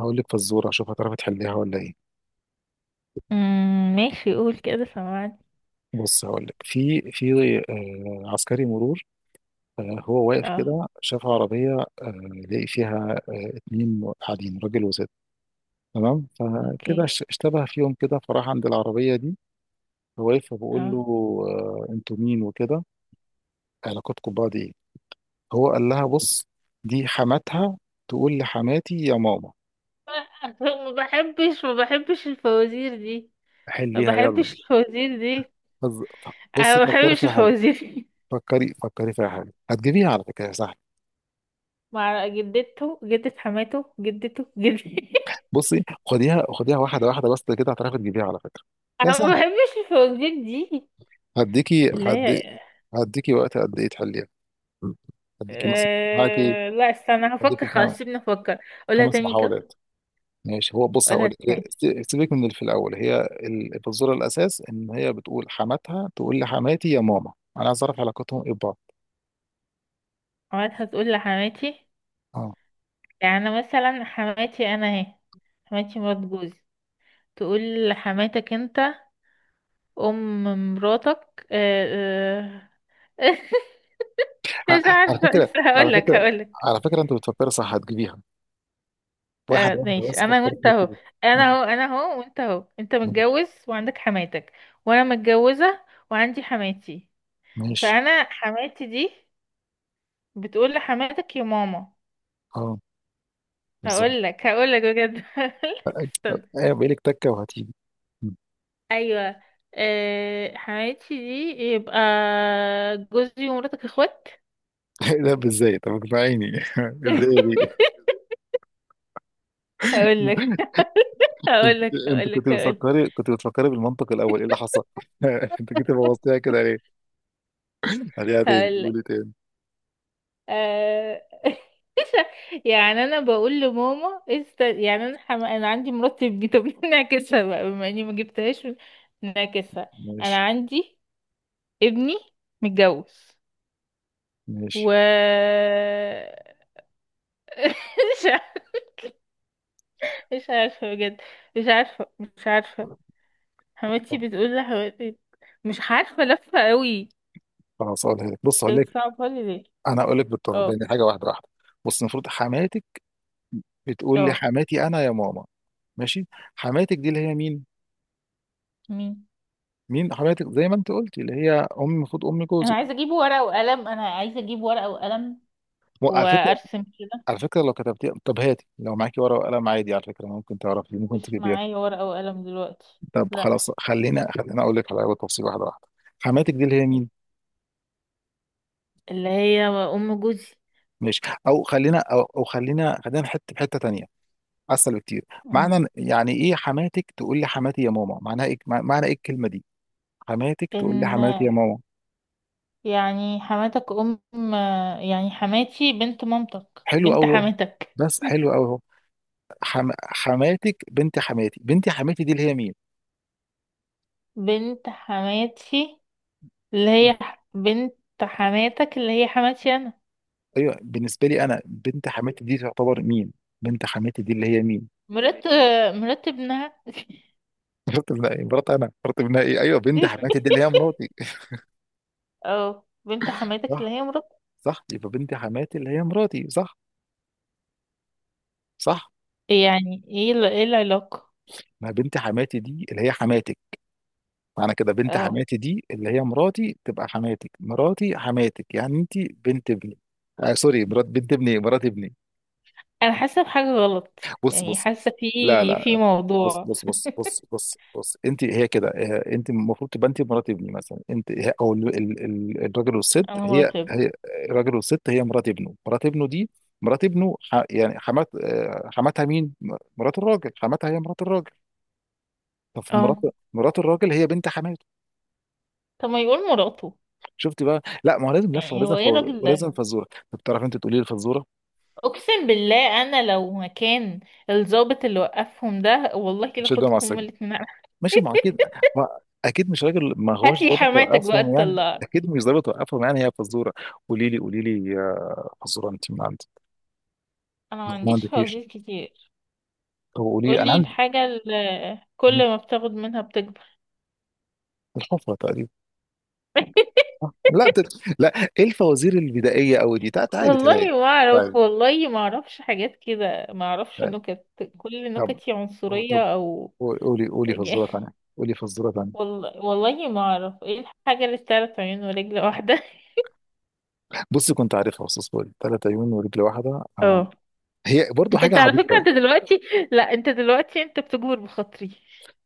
هقول لك فزوره، اشوف هتعرفي تحليها ولا ايه. ماشي، قول كده. سمعت. بص هقول لك في عسكري مرور. هو واقف اه. كده شاف عربيه، لقي فيها اتنين قاعدين، راجل وست. تمام، فكده اوكي. اشتبه فيهم كده، فراح عند العربيه دي. هو واقف فبقول اه. له انتوا مين وكده، علاقتكم ببعض ايه. هو قال لها بص، دي حماتها تقول لحماتي يا ماما. ما بحبش الفوازير دي. ما حليها يلا. بحبش الفوازير دي. فز- انا بصي ما فكري بحبش فيها حلو. الفوازير دي. فكري فيها حلو، هتجيبيها على فكره سهله. مع جدته، جدة حماته، جدته، جدتي. بصي خديها واحده واحده بس كده، هتعرفي تجيبيها على فكره، هي انا ما سهله. بحبش الفوازير دي. هديكي اللي هي... هدي هديكي وقت قد ايه تحليها؟ هديكي مثلا معاكي لا، استنى هفكر. خلاص، خمس، سيبني افكر. قولها خمس تاني كده. محاولات. ماشي، هو بص هقول قولها تاني. لك. سيبك من اللي في الاول، هي الفزوره الاساس ان هي بتقول حماتها تقول لحماتي يا ماما. انا عايز اعرف علاقتهم ايه ببعض. اوقات هتقول لحماتي. اه، يعني مثلا، حماتي انا اهي. حماتي مرات جوزي، تقول لحماتك انت ام مراتك. آه. مش على عارفه، بس فكره، هقول على لك فكره هقول لك على فكره انت بتفكر صح، هتجيبيها آه، واحده واحده ماشي، بس انا فكرت وانت فيها اهو. كده. انا اهو وانت اهو، انت ماشي. متجوز وعندك حماتك، وانا متجوزه وعندي حماتي. ماشي. فانا حماتي دي بتقول لحماتك يا ماما. اه، بالظبط. هقول لك بجد. هقول لك، استنى. ايه بقالك تكه وهتيجي؟ ايوه. آه، حماتي دي يبقى جوزي ومراتك اخوات. لا ازاي؟ طب اقنعيني. ازاي دي؟ هقول لك انت هقول لك هقول كنت لك هقول لك. بتفكري، بالمنطق الاول ايه اللي حصل؟ انت جيت بوظتيها كده ليه؟ هديها تاني، هقول قولي تاني. آه... يعني انا بقول لماما. يعني انا عندي مرتب. طب نعكسها بقى، بما اني ما جبتهاش. نعكسها. ماشي. انا عندي ابني متجوز و... ماشي مش عارفة. مش عارفة بجد. مش عارفة. حماتي طب بتقول لحماتي. مش عارفة، لفة قوي. خلاص هقولها لك. بص هقول انت لك. بتصعبها لي ليه؟ انا هقول لك بالطبع اه. بين حاجه واحده واحده. بص، المفروض حماتك بتقول لي اه. حماتي انا يا ماما. ماشي، حماتك دي اللي هي مين؟ مين؟ مين حماتك؟ زي ما انت قلتي اللي هي ام، المفروض ام انا جوزك. عايزة اجيب ورقة وقلم انا عايزة اجيب ورقة وقلم على فكره، وارسم كده. على فكره لو كتبتيها، طب هاتي لو معاكي ورقه وقلم عادي، على فكره ممكن تعرفي، ممكن مش تجيبيها. معايا ورقة وقلم دلوقتي. طب لا. خلاص، خلينا اقول لك على تفصيل واحده واحده. حماتك دي اللي هي مين؟ اللي هي ام جوزي. ماشي. أو خلينا حته في حته تانيه، اسهل بكتير. مم. يعني ايه حماتك تقول لي حماتي يا ماما؟ معناها ايه؟ معنى ايه الكلمه دي؟ حماتك تقول لي ان حماتي يا ماما. يعني حماتك ام، يعني حماتي بنت مامتك، حلو بنت قوي، حماتك. بس حلو قوي. حماتك بنت حماتي. بنت حماتي دي اللي هي مين؟ بنت حماتي اللي هي بنت حماتك، اللي هي حماتي انا. ايوه، بالنسبه لي انا، بنت حماتي دي تعتبر مين؟ بنت حماتي دي اللي هي مين؟ مرات مرات ابنها. مرات ابنها. ايه مرات؟ انا مرات ابنها؟ ايه؟ ايوه، بنت حماتي دي اللي هي مراتي اه، بنت حماتك اللي صح؟ هي مرات. صح، يبقى بنت حماتي اللي هي مراتي صح؟ صح، يعني ايه ايه العلاقة؟ ما بنت حماتي دي اللي هي حماتك. معنى كده بنت اه. حماتي دي اللي هي مراتي تبقى حماتك. مراتي حماتك، يعني انت بنت ابني. آه سوري، مرات بنت ابني، مرات ابني. انا حاسه بحاجه غلط. بص يعني بص حاسه لا في لا، بص موضوع. بص بص بص بص بص انت هي كده. انت المفروض تبقى انت مرات ابني مثلا. انت هي- او ال- ال- ال- الراجل والست انا هي مراقب. هي. الراجل والست هي مرات ابنه. مرات ابنه دي، مرات ابنه يعني حماتها مين؟ مرات الراجل حماتها، هي مرات الراجل. طب مرات، اه. مرات الراجل هي بنت حماته. طب ما يقول مراته. شفت بقى؟ لا ما هو لازم لفه، يعني هو ايه الراجل ده؟ ولازم فزوره. طب تعرف انت تقولي لي الفزوره؟ اقسم بالله انا لو مكان الضابط اللي وقفهم ده، والله كده مش ده مع خدهم هما السجن. الاتنين. ماشي ما هو اكيد. ما... اكيد مش راجل، ما هات هوش لي ضابط حماتك بقى وقفهم يعني، تطلعك. اكيد مش ضابط وقفهم، يعني هي فزوره. قولي لي يا فزوره انت من عندك. انا ما ما عنديش عندكيش؟ فوازير كتير. طب قولي لي انا قولي عندي. الحاجه اللي مم. كل ما بتاخد منها بتكبر. الحفره تقريبا. صح؟ لا، ايه الفوازير البدائيه قوي دي؟ تعالي تعالي والله ما اعرف، تعالي والله ما اعرفش حاجات كده، ما اعرفش تعالي نكت. كل طب نكتي طب عنصريه او... قولي، قولي فزوره ثانيه، والله ما اعرف ايه الحاجة اللي بتعرف عيون ورجل واحدة. بصي كنت عارفها بس اصبري. ثلاث عيون ورجل واحده. اه. هي برضو حاجه انت على فكرة، عبيطه. انت دلوقتي... لا، انت دلوقتي انت بتجبر بخاطري.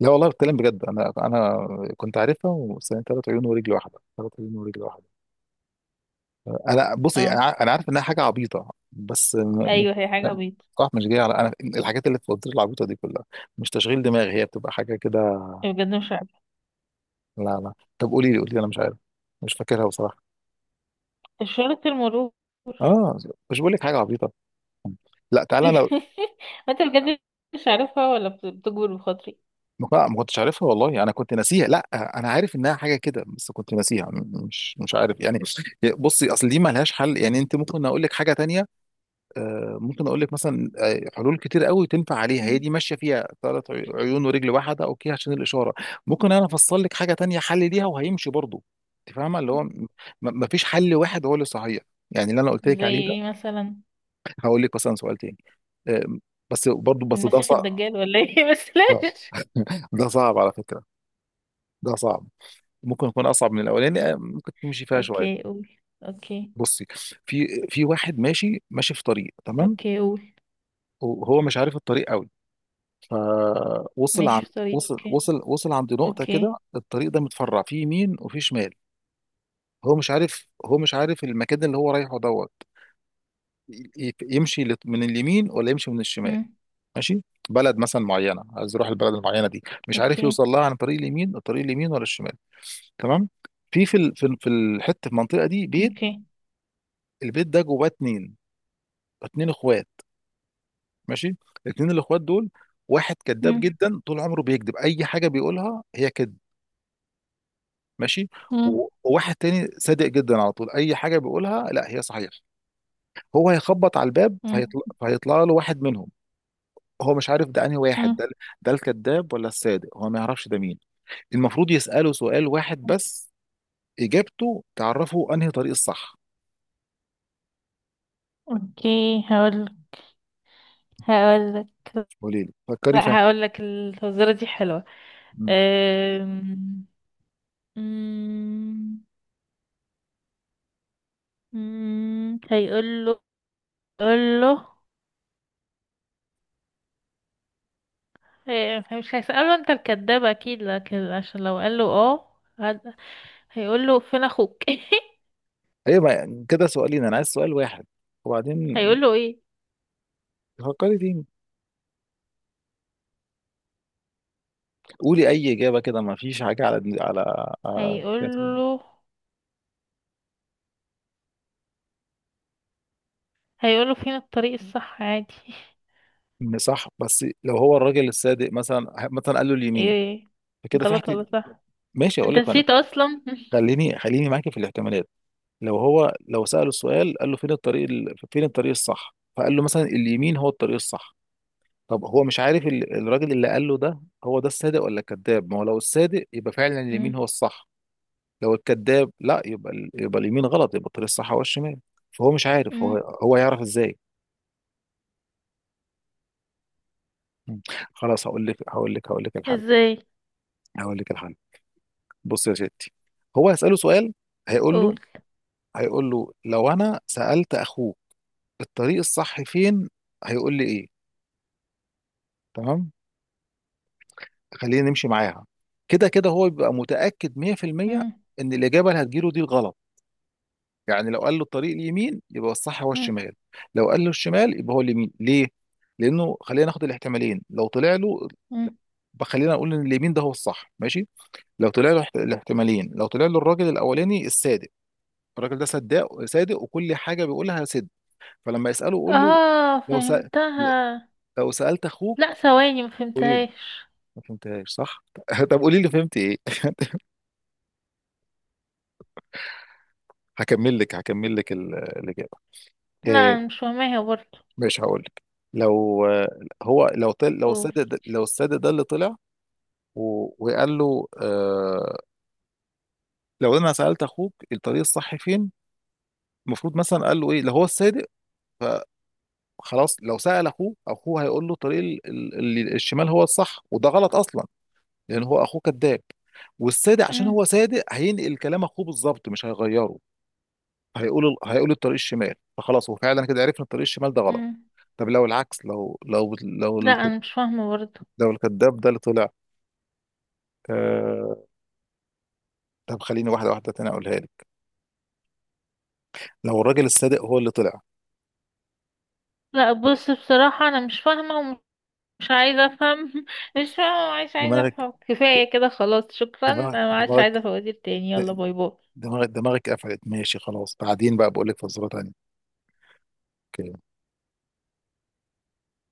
لا والله بتكلم بجد، انا كنت عارفها بس، هي ثلاث عيون ورجل واحده، انا بصي انا اه. أنا عارف انها حاجه عبيطه، بس ايوه، هي حاجة بيضة. صح، مش جايه على انا الحاجات اللي في الفوازير العبيطه دي كلها. مش تشغيل دماغ، هي بتبقى حاجه كده. بجد مش عارفة. لا، طب قولي لي، انا مش عارف، مش فاكرها بصراحه. اشارة المرور. اه، مش بقول لك حاجه عبيطه. لا تعالى أنا، انت بجد مش عارفها ولا بتجبر بخاطري؟ لا ما كنتش عارفها والله، انا كنت ناسيها، لا انا عارف انها حاجه كده بس كنت ناسيها، مش عارف يعني. بصي اصل دي ما لهاش حل يعني، انت ممكن اقول لك حاجه تانية. ممكن اقول لك مثلا، حلول كتير قوي تنفع عليها. هي مم. دي ماشيه فيها ثلاث عيون ورجل واحده اوكي، عشان الاشاره. ممكن انا افصل لك حاجه تانية حل ليها وهيمشي برضه. انت فاهمه اللي هو ما فيش حل واحد هو اللي صحيح، يعني اللي انا قلت لك زي عليه ده. ايه مثلا؟ هقول لك مثلا سؤال تاني. آه، بس برضه، بس ده المسيح صعب. الدجال ولا ايه؟ بس آه، لاش. ده صعب على فكره، ده صعب، ممكن يكون اصعب من الاولاني. ممكن تمشي فيها شويه. اوكي، قول. اوكي. بصي، في واحد ماشي في طريق، تمام، اوكي، قول. وهو مش عارف الطريق قوي. فوصل عن ماشي في طريق، اوكي. وصل عند نقطه اوكي. كده. الطريق ده متفرع في يمين وفي شمال. هو مش عارف المكان اللي هو رايحه دوت يمشي من اليمين ولا يمشي من الشمال. مم. ماشي، بلد مثلا معينه، عايز يروح البلد المعينه دي، مش عارف اوكي. يوصل لها عن طريق اليمين، الطريق اليمين ولا الشمال. تمام، في في ال- في ال- في الحته في المنطقه دي بيت. اوكي. البيت ده جواه اتنين، اتنين اخوات. ماشي، اتنين الاخوات دول، واحد كذاب مم. جدا، طول عمره بيكذب، اي حاجه بيقولها هي كذب. ماشي. مم. وواحد تاني صادق جدا على طول، اي حاجه بيقولها لا هي صحيح. هو هيخبط على الباب، مم. فهيطلع له واحد منهم. هو مش عارف ده انهي واحد مم. ده، ده الكذاب ولا الصادق، هو ما يعرفش ده مين. المفروض يساله سؤال واحد بس، اجابته تعرفه انهي طريق الصح. اوكي، هقول لك. قولي لي، فكري فيها. لا، هقول لك الفزوره دي حلوه. مم. أم... مم. مم. هيقول له. قول له. إيه، مش هيسأله انت الكداب اكيد، لكن عشان لو قال له اه هيقول له فين اخوك؟ ايوه كده سؤالين، انا عايز سؤال واحد. وبعدين هيقول له ايه؟ فكري فيه، قولي اي اجابه كده، ما فيش حاجه على، على- هيقول له. هيقول له فين الطريق الصح عادي. إن صح، بس لو هو الراجل الصادق مثلا، مثلا قال له اليمين، ايه؟ فكده في غلط حاجه. ولا صح؟ ماشي اقول انت لك انا، نسيت اصلا. خليني معاكي في الاحتمالات. لو هو لو ساله السؤال، قال له فين الطريق فين الطريق الصح، فقال له مثلا اليمين هو الطريق الصح. طب هو مش عارف الراجل اللي قال له ده هو ده الصادق ولا الكذاب. ما هو لو الصادق يبقى فعلا اليمين مم. هو الصح، لو الكذاب لا يبقى يبقى اليمين غلط، يبقى الطريق الصح هو الشمال. فهو مش عارف مم. هو، هو يعرف ازاي؟ مم. خلاص هقول لك الحل. ازاي؟ هقول لك الحل. بص يا ستي، هو هيسأله سؤال. هيقول قول. له هيقول له لو انا سألت اخوك الطريق الصح فين، هيقول لي ايه؟ تمام، خلينا نمشي معاها. كده كده هو بيبقى متأكد 100% مم. ان الإجابة اللي هتجيله دي الغلط. يعني لو قال له الطريق اليمين يبقى الصح هو مم. الشمال، لو قال له الشمال يبقى هو اليمين. ليه؟ لأنه خلينا ناخد الاحتمالين، لو طلع له، مم. خلينا نقول ان اليمين ده هو الصح ماشي، لو طلع له الاحتمالين، لو طلع له الراجل الاولاني الصادق، الراجل ده صداق صادق وكل حاجه بيقولها صدق، فلما يساله قول له، اه، لو سأ... فهمتها. لو سالت اخوك. لا، ثواني، ما قولي لي، فهمتهاش. ما فهمتهاش صح؟ طب قولي لي فهمت ايه؟ هكمل لك الاجابه. لا، آه، انا مش فاهماها برضه. مش هقول لك، لو هو قول. لو الصادق ده اللي طلع، وقال له، لو انا سالت اخوك الطريق الصح فين، المفروض مثلا قال له ايه لو هو الصادق؟ خلاص، لو سأل اخوه، اخوه هيقول له طريق الشمال هو الصح، وده غلط اصلا لان هو اخوه كذاب، والصادق عشان هو مم. صادق هينقل كلام اخوه بالظبط مش هيغيره. هيقول الطريق الشمال، فخلاص هو فعلا كده عرفنا الطريق الشمال ده غلط. مم. طب لو العكس، لا، انا مش فاهمه برضه. لو الكذاب ده اللي طلع. آه، طب خليني واحده واحده تاني اقولها لك. لو الراجل الصادق هو اللي طلع. لا، بص، بصراحه انا مش فاهمه ومش عايزه افهم. مش فاهمه ومش عايزه دماغك، افهم. كفايه كده، خلاص، شكرا. دماغك انا ما عادش عايزه دماغك فوازير تاني. يلا، باي باي. دماغك قفلت ماشي، خلاص بعدين بقى بقول لك فزوره تانيه.